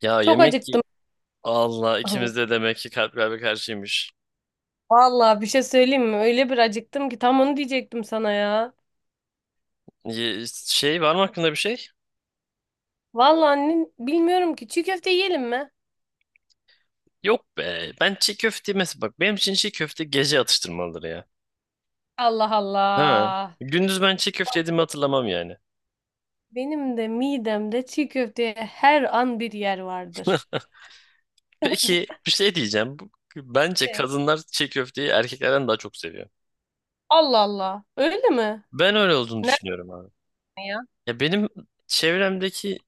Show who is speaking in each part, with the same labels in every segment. Speaker 1: Ya
Speaker 2: Çok
Speaker 1: yemek y-
Speaker 2: acıktım.
Speaker 1: Allah, ikimiz de demek ki kalp kalbe karşıymış.
Speaker 2: Vallahi bir şey söyleyeyim mi? Öyle bir acıktım ki tam onu diyecektim sana ya.
Speaker 1: Şey, var mı aklında bir şey?
Speaker 2: Vallahi annen bilmiyorum ki çiğ köfte yiyelim mi?
Speaker 1: Yok be. Ben çiğ köfte, mesela bak, benim için çiğ köfte gece atıştırmalıdır ya.
Speaker 2: Allah
Speaker 1: Ha.
Speaker 2: Allah.
Speaker 1: Gündüz ben çiğ köfte yediğimi hatırlamam yani.
Speaker 2: Benim de midemde çiğ köfteye her an bir yer vardır.
Speaker 1: Peki bir şey diyeceğim. Bence
Speaker 2: E?
Speaker 1: kadınlar çiğ köfteyi erkeklerden daha çok seviyor.
Speaker 2: Allah Allah. Öyle mi?
Speaker 1: Ben öyle olduğunu
Speaker 2: Nerede
Speaker 1: düşünüyorum abi.
Speaker 2: ya?
Speaker 1: Ya benim çevremdeki,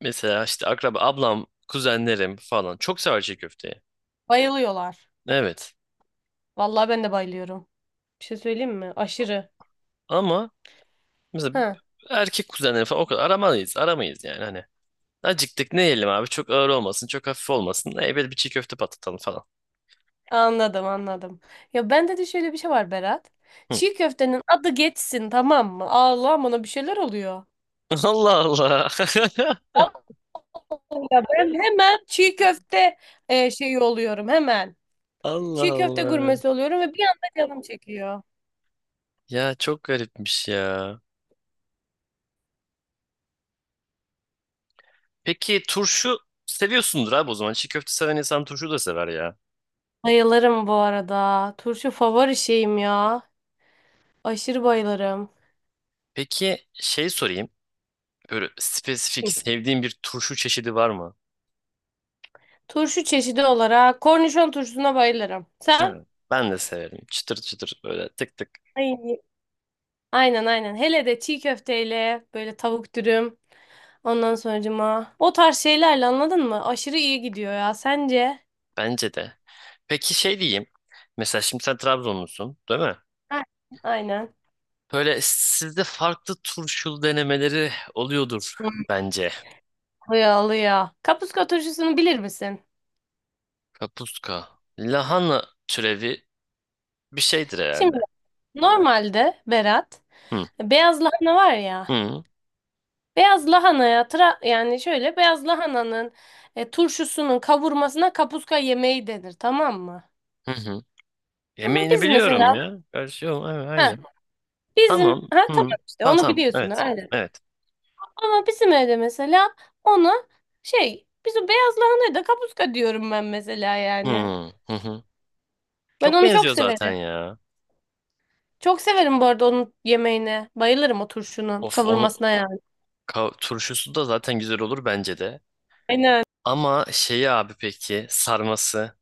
Speaker 1: mesela işte akraba ablam, kuzenlerim falan çok sever çiğ köfteyi.
Speaker 2: Bayılıyorlar.
Speaker 1: Evet.
Speaker 2: Vallahi ben de bayılıyorum. Bir şey söyleyeyim mi? Aşırı.
Speaker 1: Ama mesela
Speaker 2: Ha.
Speaker 1: erkek kuzenleri falan o kadar aramayız, aramayız yani hani. Acıktık, ne yiyelim abi? Çok ağır olmasın, çok hafif olmasın. Böyle bir çiğ köfte patlatalım falan.
Speaker 2: Anladım anladım. Ya bende de şöyle bir şey var Berat.
Speaker 1: Hı.
Speaker 2: Çiğ köftenin adı geçsin tamam mı? Allah bana bir şeyler oluyor.
Speaker 1: Allah Allah.
Speaker 2: Ya ben hemen çiğ köfte şeyi oluyorum hemen.
Speaker 1: Allah
Speaker 2: Çiğ köfte
Speaker 1: Allah.
Speaker 2: gurmesi oluyorum ve bir anda canım çekiyor.
Speaker 1: Ya çok garipmiş ya. Peki turşu seviyorsundur abi o zaman. Çiğ köfte seven insan turşu da sever ya.
Speaker 2: Bayılırım bu arada. Turşu favori şeyim ya. Aşırı bayılırım.
Speaker 1: Peki şey sorayım. Böyle spesifik sevdiğin bir turşu çeşidi var mı?
Speaker 2: Turşu çeşidi olarak kornişon turşusuna bayılırım. Sen?
Speaker 1: Hı. Ben de severim. Çıtır çıtır böyle, tık tık.
Speaker 2: Ay. Aynen aynen. Hele de çiğ köfteyle böyle tavuk dürüm. Ondan sonracıma o tarz şeylerle anladın mı? Aşırı iyi gidiyor ya. Sence?
Speaker 1: Bence de. Peki şey diyeyim. Mesela şimdi sen Trabzonlusun, değil mi?
Speaker 2: Ha. Aynen.
Speaker 1: Böyle sizde farklı turşulu denemeleri oluyordur bence.
Speaker 2: Alıyor alıyor. Kapuska turşusunu bilir misin?
Speaker 1: Kapuska. Lahana türevi bir şeydir
Speaker 2: Şimdi.
Speaker 1: herhalde.
Speaker 2: Normalde Berat,
Speaker 1: Hı.
Speaker 2: beyaz lahana var ya.
Speaker 1: Hı.
Speaker 2: Beyaz lahanaya yani şöyle beyaz lahananın turşusunun kavurmasına kapuska yemeği denir tamam mı?
Speaker 1: Hı hı.
Speaker 2: Ama
Speaker 1: Yemeğini
Speaker 2: biz
Speaker 1: biliyorum
Speaker 2: mesela
Speaker 1: ya. Gerçi yok. Evet,
Speaker 2: ha
Speaker 1: aynen.
Speaker 2: bizim
Speaker 1: Tamam.
Speaker 2: ha
Speaker 1: Hı.
Speaker 2: tamam işte
Speaker 1: Tamam
Speaker 2: onu
Speaker 1: tamam.
Speaker 2: biliyorsun
Speaker 1: Evet.
Speaker 2: aynen.
Speaker 1: Evet.
Speaker 2: Ama bizim evde mesela ona şey biz o beyaz lahanaya da kapuska diyorum ben mesela
Speaker 1: Hı.
Speaker 2: yani.
Speaker 1: Hı hı.
Speaker 2: Ben
Speaker 1: Çok
Speaker 2: onu çok
Speaker 1: benziyor zaten
Speaker 2: severim.
Speaker 1: ya.
Speaker 2: Çok severim bu arada onun yemeğine. Bayılırım o turşunun
Speaker 1: Of, onun
Speaker 2: kavurmasına yani.
Speaker 1: turşusu da zaten güzel olur bence de.
Speaker 2: Aynen.
Speaker 1: Ama şeyi abi, peki sarması.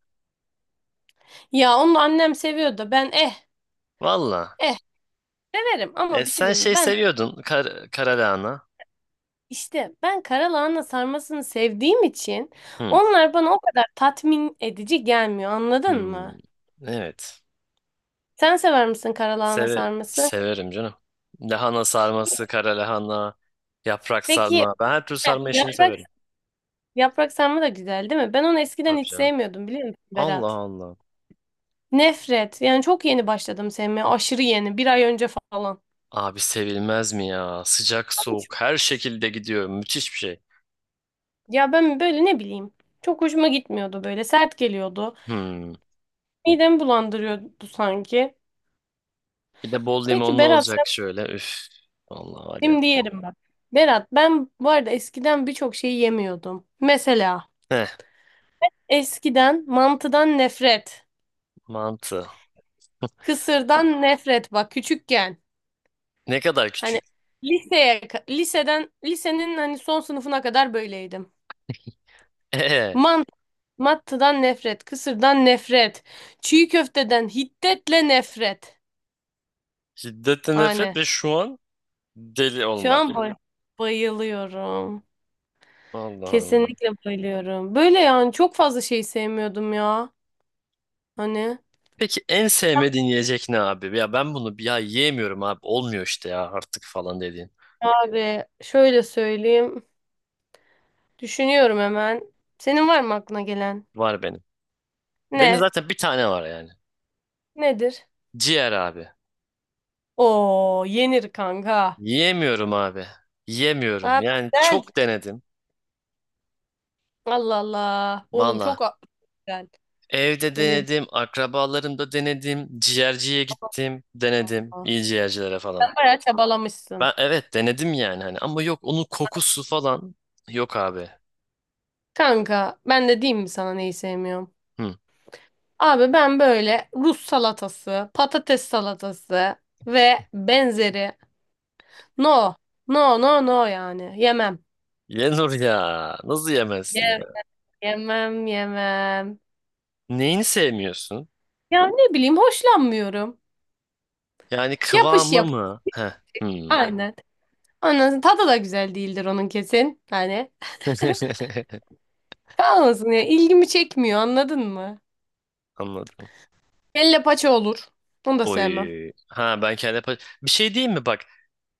Speaker 2: Ya onu annem seviyor da ben
Speaker 1: Valla.
Speaker 2: eh severim ama bir şey
Speaker 1: Sen
Speaker 2: diyeyim mi?
Speaker 1: şey
Speaker 2: Ben
Speaker 1: seviyordun, kara.
Speaker 2: işte ben karalahana sarmasını sevdiğim için
Speaker 1: Hı.
Speaker 2: onlar bana o kadar tatmin edici gelmiyor anladın mı?
Speaker 1: Hmm. Evet.
Speaker 2: Sen sever misin karalahana
Speaker 1: Seve
Speaker 2: sarması?
Speaker 1: severim canım. Lahana sarması, kara lahana, yaprak
Speaker 2: Peki
Speaker 1: sarma. Ben her türlü sarma işini
Speaker 2: yaprak
Speaker 1: severim.
Speaker 2: sarma da güzel değil mi? Ben onu eskiden
Speaker 1: Tabii
Speaker 2: hiç
Speaker 1: canım.
Speaker 2: sevmiyordum biliyor musun
Speaker 1: Allah
Speaker 2: Berat?
Speaker 1: Allah.
Speaker 2: Nefret. Yani çok yeni başladım sevmeye. Aşırı yeni. Bir ay önce falan.
Speaker 1: Abi sevilmez mi ya? Sıcak soğuk her şekilde gidiyor. Müthiş bir şey.
Speaker 2: Ya ben böyle ne bileyim. Çok hoşuma gitmiyordu böyle. Sert geliyordu.
Speaker 1: Hmm.
Speaker 2: Midemi bulandırıyordu sanki.
Speaker 1: Bir de bol
Speaker 2: Peki
Speaker 1: limonlu
Speaker 2: Berat,
Speaker 1: olacak şöyle. Üf. Allah var ya.
Speaker 2: şimdi yerim bak. Berat ben bu arada eskiden birçok şeyi yemiyordum. Mesela
Speaker 1: Heh,
Speaker 2: eskiden mantıdan nefret,
Speaker 1: mantı.
Speaker 2: kısırdan nefret bak küçükken.
Speaker 1: Ne kadar
Speaker 2: Hani
Speaker 1: küçük.
Speaker 2: liseye lisenin hani son sınıfına kadar böyleydim.
Speaker 1: Ee,
Speaker 2: Mantı, mantıdan nefret, kısırdan nefret, çiğ köfteden hiddetle nefret.
Speaker 1: Şiddetten nefret
Speaker 2: Hani
Speaker 1: ve şu an deli
Speaker 2: şu
Speaker 1: olma.
Speaker 2: an bayılıyorum.
Speaker 1: Allah Allah.
Speaker 2: Kesinlikle bayılıyorum. Böyle yani çok fazla şey sevmiyordum ya. Hani
Speaker 1: Peki en sevmediğin yiyecek ne abi? Ya ben bunu bir ya yiyemiyorum abi. Olmuyor işte ya, artık falan dediğin.
Speaker 2: abi şöyle söyleyeyim. Düşünüyorum hemen. Senin var mı aklına gelen?
Speaker 1: Var benim. Benim
Speaker 2: Ne?
Speaker 1: zaten bir tane var yani.
Speaker 2: Nedir?
Speaker 1: Ciğer abi.
Speaker 2: Oo yenir kanka.
Speaker 1: Yiyemiyorum abi. Yiyemiyorum.
Speaker 2: Abi
Speaker 1: Yani
Speaker 2: güzel.
Speaker 1: çok denedim.
Speaker 2: Allah Allah. Oğlum
Speaker 1: Valla.
Speaker 2: güzel.
Speaker 1: Evde
Speaker 2: Böyle bir...
Speaker 1: denedim. Akrabalarımda denedim. Ciğerciye gittim. Denedim.
Speaker 2: Aa,
Speaker 1: İyi ciğercilere falan.
Speaker 2: sen bayağı çabalamışsın.
Speaker 1: Ben evet denedim yani hani. Ama yok, onun kokusu falan. Yok abi.
Speaker 2: Kanka ben de diyeyim mi sana neyi sevmiyorum?
Speaker 1: Hı.
Speaker 2: Abi ben böyle Rus salatası, patates salatası ve benzeri. No. No no no yani. Yemem.
Speaker 1: Yenur ya. Nasıl yemezsin ya?
Speaker 2: Yemem yemem yemem.
Speaker 1: Neyini sevmiyorsun?
Speaker 2: Ya ne bileyim hoşlanmıyorum.
Speaker 1: Yani
Speaker 2: Yapış
Speaker 1: kıvamı
Speaker 2: yap.
Speaker 1: mı? Heh. Hmm.
Speaker 2: Aynen. Onun tadı da güzel değildir onun kesin. Hani kalmasın ya ilgimi çekmiyor anladın mı?
Speaker 1: Anladım.
Speaker 2: Kelle paça olur. Bunu da sevmem.
Speaker 1: Oy. Ha, ben kendi bir şey diyeyim mi bak?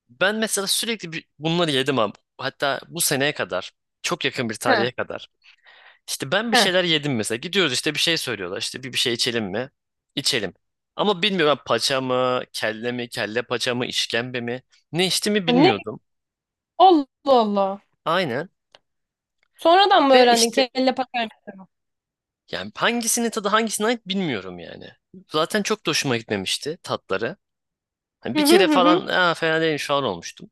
Speaker 1: Ben mesela sürekli bunları yedim abi. Hatta bu seneye kadar, çok yakın bir
Speaker 2: Ha
Speaker 1: tarihe kadar. İşte ben bir
Speaker 2: ha.
Speaker 1: şeyler yedim mesela. Gidiyoruz, işte bir şey söylüyorlar. İşte bir şey içelim mi? İçelim. Ama bilmiyorum, ben paça mı, kelle mi, kelle paça mı, işkembe mi? Ne içtiğimi
Speaker 2: Ne?
Speaker 1: bilmiyordum.
Speaker 2: Allah Allah.
Speaker 1: Aynen.
Speaker 2: Sonradan mı
Speaker 1: Ve
Speaker 2: öğrendin
Speaker 1: işte
Speaker 2: kelle paçayı?
Speaker 1: yani hangisinin tadı hangisine ait bilmiyorum yani. Zaten çok da hoşuma gitmemişti tatları. Hani
Speaker 2: Hı
Speaker 1: bir
Speaker 2: hı
Speaker 1: kere
Speaker 2: hı hı.
Speaker 1: falan "Aa, fena değilmiş" falan olmuştum.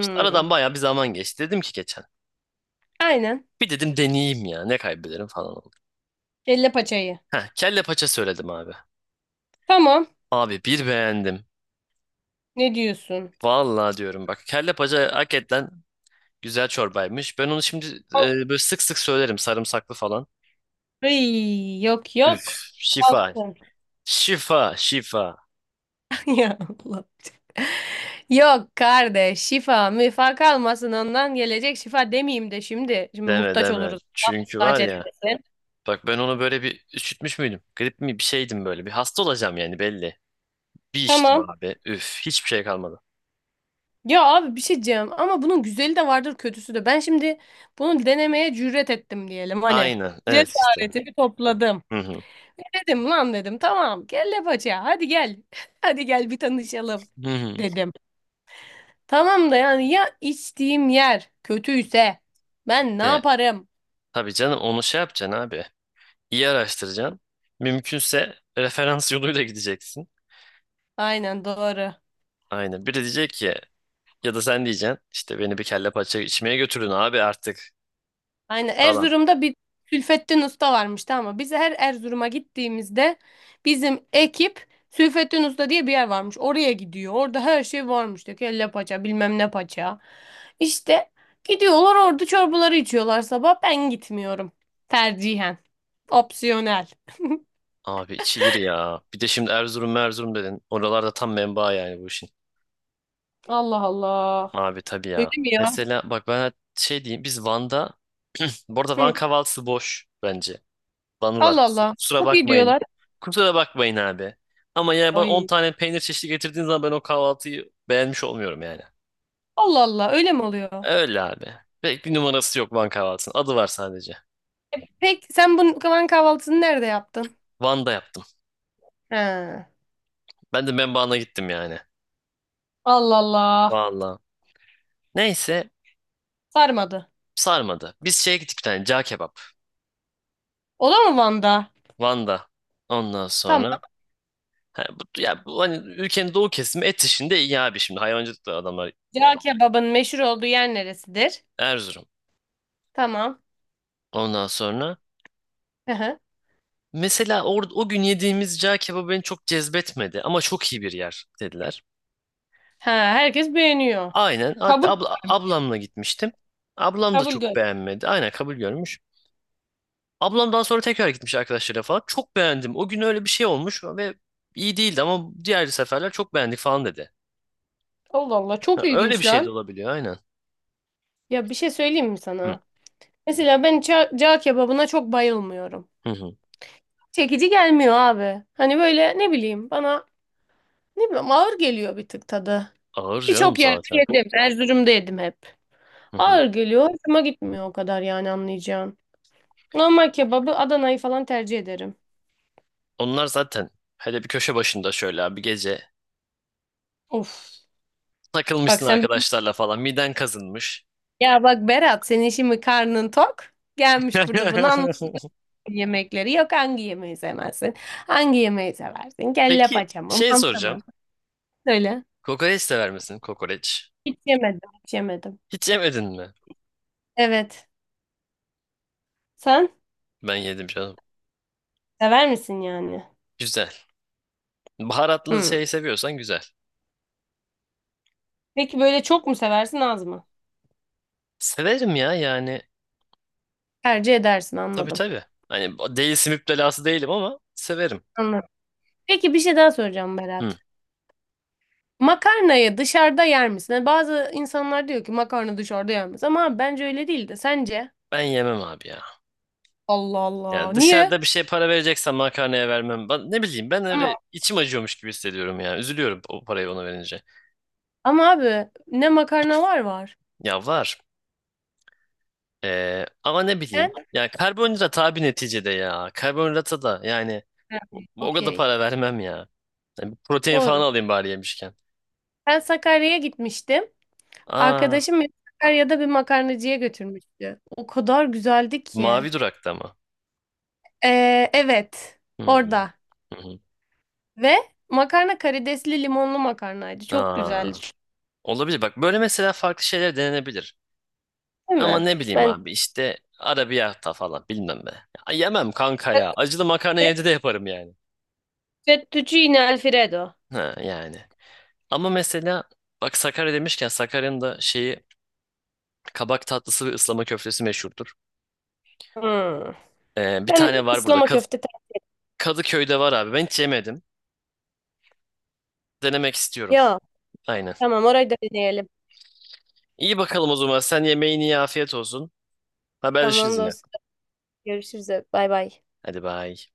Speaker 1: İşte aradan bayağı bir zaman geçti. Dedim ki geçen.
Speaker 2: Aynen.
Speaker 1: Bir dedim deneyeyim ya, ne kaybederim falan oldu.
Speaker 2: Kelle paçayı.
Speaker 1: Heh, kelle paça söyledim abi.
Speaker 2: Tamam.
Speaker 1: Abi bir beğendim.
Speaker 2: Ne diyorsun?
Speaker 1: Vallahi diyorum bak, kelle paça hakikaten güzel çorbaymış. Ben onu şimdi böyle sık sık söylerim, sarımsaklı falan.
Speaker 2: Ay, yok yok.
Speaker 1: Üf, şifa.
Speaker 2: Kalsın.
Speaker 1: Şifa şifa.
Speaker 2: Ya Allah. Yok kardeş şifa müfa kalmasın ondan gelecek şifa demeyeyim de şimdi. Şimdi
Speaker 1: Deme
Speaker 2: muhtaç
Speaker 1: deme.
Speaker 2: oluruz.
Speaker 1: Çünkü
Speaker 2: Muhtaç
Speaker 1: var ya,
Speaker 2: etmesin.
Speaker 1: bak ben onu böyle bir üşütmüş müydüm? Grip mi bir şeydim, böyle bir hasta olacağım yani belli. Bir içtim
Speaker 2: Tamam.
Speaker 1: abi. Üf, hiçbir şey kalmadı.
Speaker 2: Ya abi bir şey diyeceğim ama bunun güzeli de vardır kötüsü de. Ben şimdi bunu denemeye cüret ettim diyelim hani.
Speaker 1: Aynen evet, işte.
Speaker 2: Cesaretimi topladım.
Speaker 1: Hı hı.
Speaker 2: Dedim lan dedim tamam kelle paça hadi gel. Hadi gel bir tanışalım
Speaker 1: Hı hı.
Speaker 2: dedim. Tamam da yani ya içtiğim yer kötüyse ben ne
Speaker 1: De,
Speaker 2: yaparım?
Speaker 1: tabii canım, onu şey yapacaksın abi. İyi araştıracaksın. Mümkünse referans yoluyla gideceksin.
Speaker 2: Aynen doğru.
Speaker 1: Aynen. Biri diyecek ki, ya da sen diyeceksin, işte beni bir kelle paça içmeye götürün abi artık
Speaker 2: Aynen
Speaker 1: falan.
Speaker 2: Erzurum'da bir Sülfettin Usta varmış tamam mı? Biz her Erzurum'a gittiğimizde bizim ekip Sülfettin Usta diye bir yer varmış. Oraya gidiyor. Orada her şey varmış. İşte kelle paça bilmem ne paça. İşte gidiyorlar orada çorbaları içiyorlar sabah. Ben gitmiyorum. Tercihen. Opsiyonel.
Speaker 1: Abi içilir ya. Bir de şimdi Erzurum Erzurum dedin. Oralarda tam menba yani bu işin.
Speaker 2: Allah Allah.
Speaker 1: Abi tabii
Speaker 2: Öyle
Speaker 1: ya.
Speaker 2: mi ya?
Speaker 1: Mesela bak, ben şey diyeyim, biz Van'da, bu arada
Speaker 2: Hı.
Speaker 1: Van kahvaltısı boş bence. Banılar.
Speaker 2: Allah Allah.
Speaker 1: Kusura
Speaker 2: Bu
Speaker 1: bakmayın.
Speaker 2: gidiyorlar.
Speaker 1: Kusura bakmayın abi. Ama yani bana 10
Speaker 2: Ay.
Speaker 1: tane peynir çeşidi getirdiğin zaman ben o kahvaltıyı beğenmiş olmuyorum yani.
Speaker 2: Allah Allah. Öyle mi oluyor?
Speaker 1: Öyle abi. Pek bir numarası yok Van kahvaltısının. Adı var sadece.
Speaker 2: Peki sen bunun Kavan kahvaltısını nerede yaptın?
Speaker 1: Van'da yaptım.
Speaker 2: He.
Speaker 1: Ben de Membağına gittim yani.
Speaker 2: Allah Allah.
Speaker 1: Vallahi. Neyse,
Speaker 2: Sarmadı.
Speaker 1: sarmadı. Biz şeye gittik, bir tane cağ kebap.
Speaker 2: O da mı Van'da?
Speaker 1: Van'da. Ondan
Speaker 2: Tamam.
Speaker 1: sonra ha, bu, ya bu, hani ülkenin doğu kesimi et işinde iyi abi, şimdi hayvancılık da adamlar.
Speaker 2: Cağ kebabın meşhur olduğu yer neresidir?
Speaker 1: Erzurum.
Speaker 2: Tamam.
Speaker 1: Ondan sonra,
Speaker 2: Hı hı.
Speaker 1: mesela o gün yediğimiz cağ kebabı beni çok cezbetmedi ama çok iyi bir yer dediler.
Speaker 2: Ha, herkes beğeniyor.
Speaker 1: Aynen. Hatta
Speaker 2: Kabul,
Speaker 1: abla, ablamla gitmiştim. Ablam da
Speaker 2: kabul
Speaker 1: çok
Speaker 2: gör.
Speaker 1: beğenmedi. Aynen, kabul görmüş. Ablam daha sonra tekrar gitmiş arkadaşlarıyla falan. Çok beğendim. O gün öyle bir şey olmuş ve iyi değildi ama diğer seferler çok beğendik falan dedi.
Speaker 2: Allah Allah çok
Speaker 1: Ha, öyle bir
Speaker 2: ilginç
Speaker 1: şey de
Speaker 2: lan.
Speaker 1: olabiliyor aynen.
Speaker 2: Ya bir şey söyleyeyim mi
Speaker 1: Hı,
Speaker 2: sana? Mesela ben cağ kebabına çok bayılmıyorum.
Speaker 1: hı, hı.
Speaker 2: Çekici gelmiyor abi. Hani böyle ne bileyim bana ne bileyim ağır geliyor bir tık tadı.
Speaker 1: Ağır canım
Speaker 2: Birçok yerde
Speaker 1: zaten.
Speaker 2: yedim. Erzurum'da yedim hep.
Speaker 1: Hı, hı.
Speaker 2: Ağır geliyor. Hoşuma gitmiyor o kadar yani anlayacağın. Normal kebabı Adana'yı falan tercih ederim.
Speaker 1: Onlar zaten hele bir köşe başında şöyle bir gece
Speaker 2: Of. Bak
Speaker 1: takılmışsın
Speaker 2: sen.
Speaker 1: arkadaşlarla falan, miden kazınmış.
Speaker 2: Ya bak Berat senin şimdi karnın tok. Gelmiş burada bunu anlatıyor yemekleri. Yok hangi yemeği sevmezsin? Hangi yemeği seversin? Kelle
Speaker 1: Peki
Speaker 2: paça mı?
Speaker 1: şey
Speaker 2: Manta mı?
Speaker 1: soracağım.
Speaker 2: Söyle.
Speaker 1: Kokoreç sever misin? Kokoreç.
Speaker 2: Hiç yemedim. Hiç yemedim.
Speaker 1: Hiç yemedin mi?
Speaker 2: Evet. Sen
Speaker 1: Ben yedim canım.
Speaker 2: sever misin yani?
Speaker 1: Güzel. Baharatlı
Speaker 2: Hmm.
Speaker 1: şey seviyorsan güzel.
Speaker 2: Peki böyle çok mu seversin az mı?
Speaker 1: Severim ya yani.
Speaker 2: Tercih edersin
Speaker 1: Tabii
Speaker 2: anladım.
Speaker 1: tabii. Hani değilsin, müptelası değilim ama severim.
Speaker 2: Anladım. Peki bir şey daha soracağım Berat.
Speaker 1: Hı.
Speaker 2: Makarnayı dışarıda yer misin? Hani bazı insanlar diyor ki makarna dışarıda yenmez. Ama abi, bence öyle değil de sence?
Speaker 1: Ben yemem abi ya.
Speaker 2: Allah Allah.
Speaker 1: Yani
Speaker 2: Niye?
Speaker 1: dışarıda bir şey para vereceksen makarnaya vermem. Ben, ne bileyim, ben öyle içim acıyormuş gibi hissediyorum ya. Üzülüyorum o parayı ona verince.
Speaker 2: Ama abi ne makarna var var.
Speaker 1: Ya var. Ama ne bileyim.
Speaker 2: Ben
Speaker 1: Yani karbonhidrat abi neticede ya. Karbonhidrata da yani o kadar
Speaker 2: okey.
Speaker 1: para vermem ya. Yani bir protein falan
Speaker 2: Doğru.
Speaker 1: alayım bari yemişken.
Speaker 2: Ben Sakarya'ya gitmiştim.
Speaker 1: Aa,
Speaker 2: Arkadaşım beni Sakarya'da bir makarnacıya götürmüştü. O kadar güzeldi ki.
Speaker 1: mavi durakta mı?
Speaker 2: Evet.
Speaker 1: Hmm,
Speaker 2: Orada.
Speaker 1: hı hı.
Speaker 2: Ve makarna karidesli limonlu makarnaydı. Çok
Speaker 1: Aa,
Speaker 2: güzeldi.
Speaker 1: olabilir. Bak böyle mesela farklı şeyler denenebilir.
Speaker 2: Değil
Speaker 1: Ama
Speaker 2: mi?
Speaker 1: ne bileyim
Speaker 2: Ben
Speaker 1: abi, işte arabiyata falan bilmem be. Ya, yemem kanka ya. Acılı makarna evde de yaparım yani.
Speaker 2: fettuccine Alfredo.
Speaker 1: Ha, yani. Ama mesela bak, Sakarya demişken Sakarya'nın da şeyi kabak tatlısı ve ıslama köftesi meşhurdur.
Speaker 2: Hmm.
Speaker 1: Bir
Speaker 2: Ben
Speaker 1: tane var burada.
Speaker 2: ıslama köfte.
Speaker 1: Kadıköy'de var abi. Ben hiç yemedim. Denemek istiyorum.
Speaker 2: Ya
Speaker 1: Aynen.
Speaker 2: tamam orayı da deneyelim.
Speaker 1: İyi bakalım o zaman. Sen yemeğini ye. Afiyet olsun. Haberleşiriz
Speaker 2: Tamam
Speaker 1: yine.
Speaker 2: dostum. Görüşürüz. Bay bay.
Speaker 1: Hadi bay.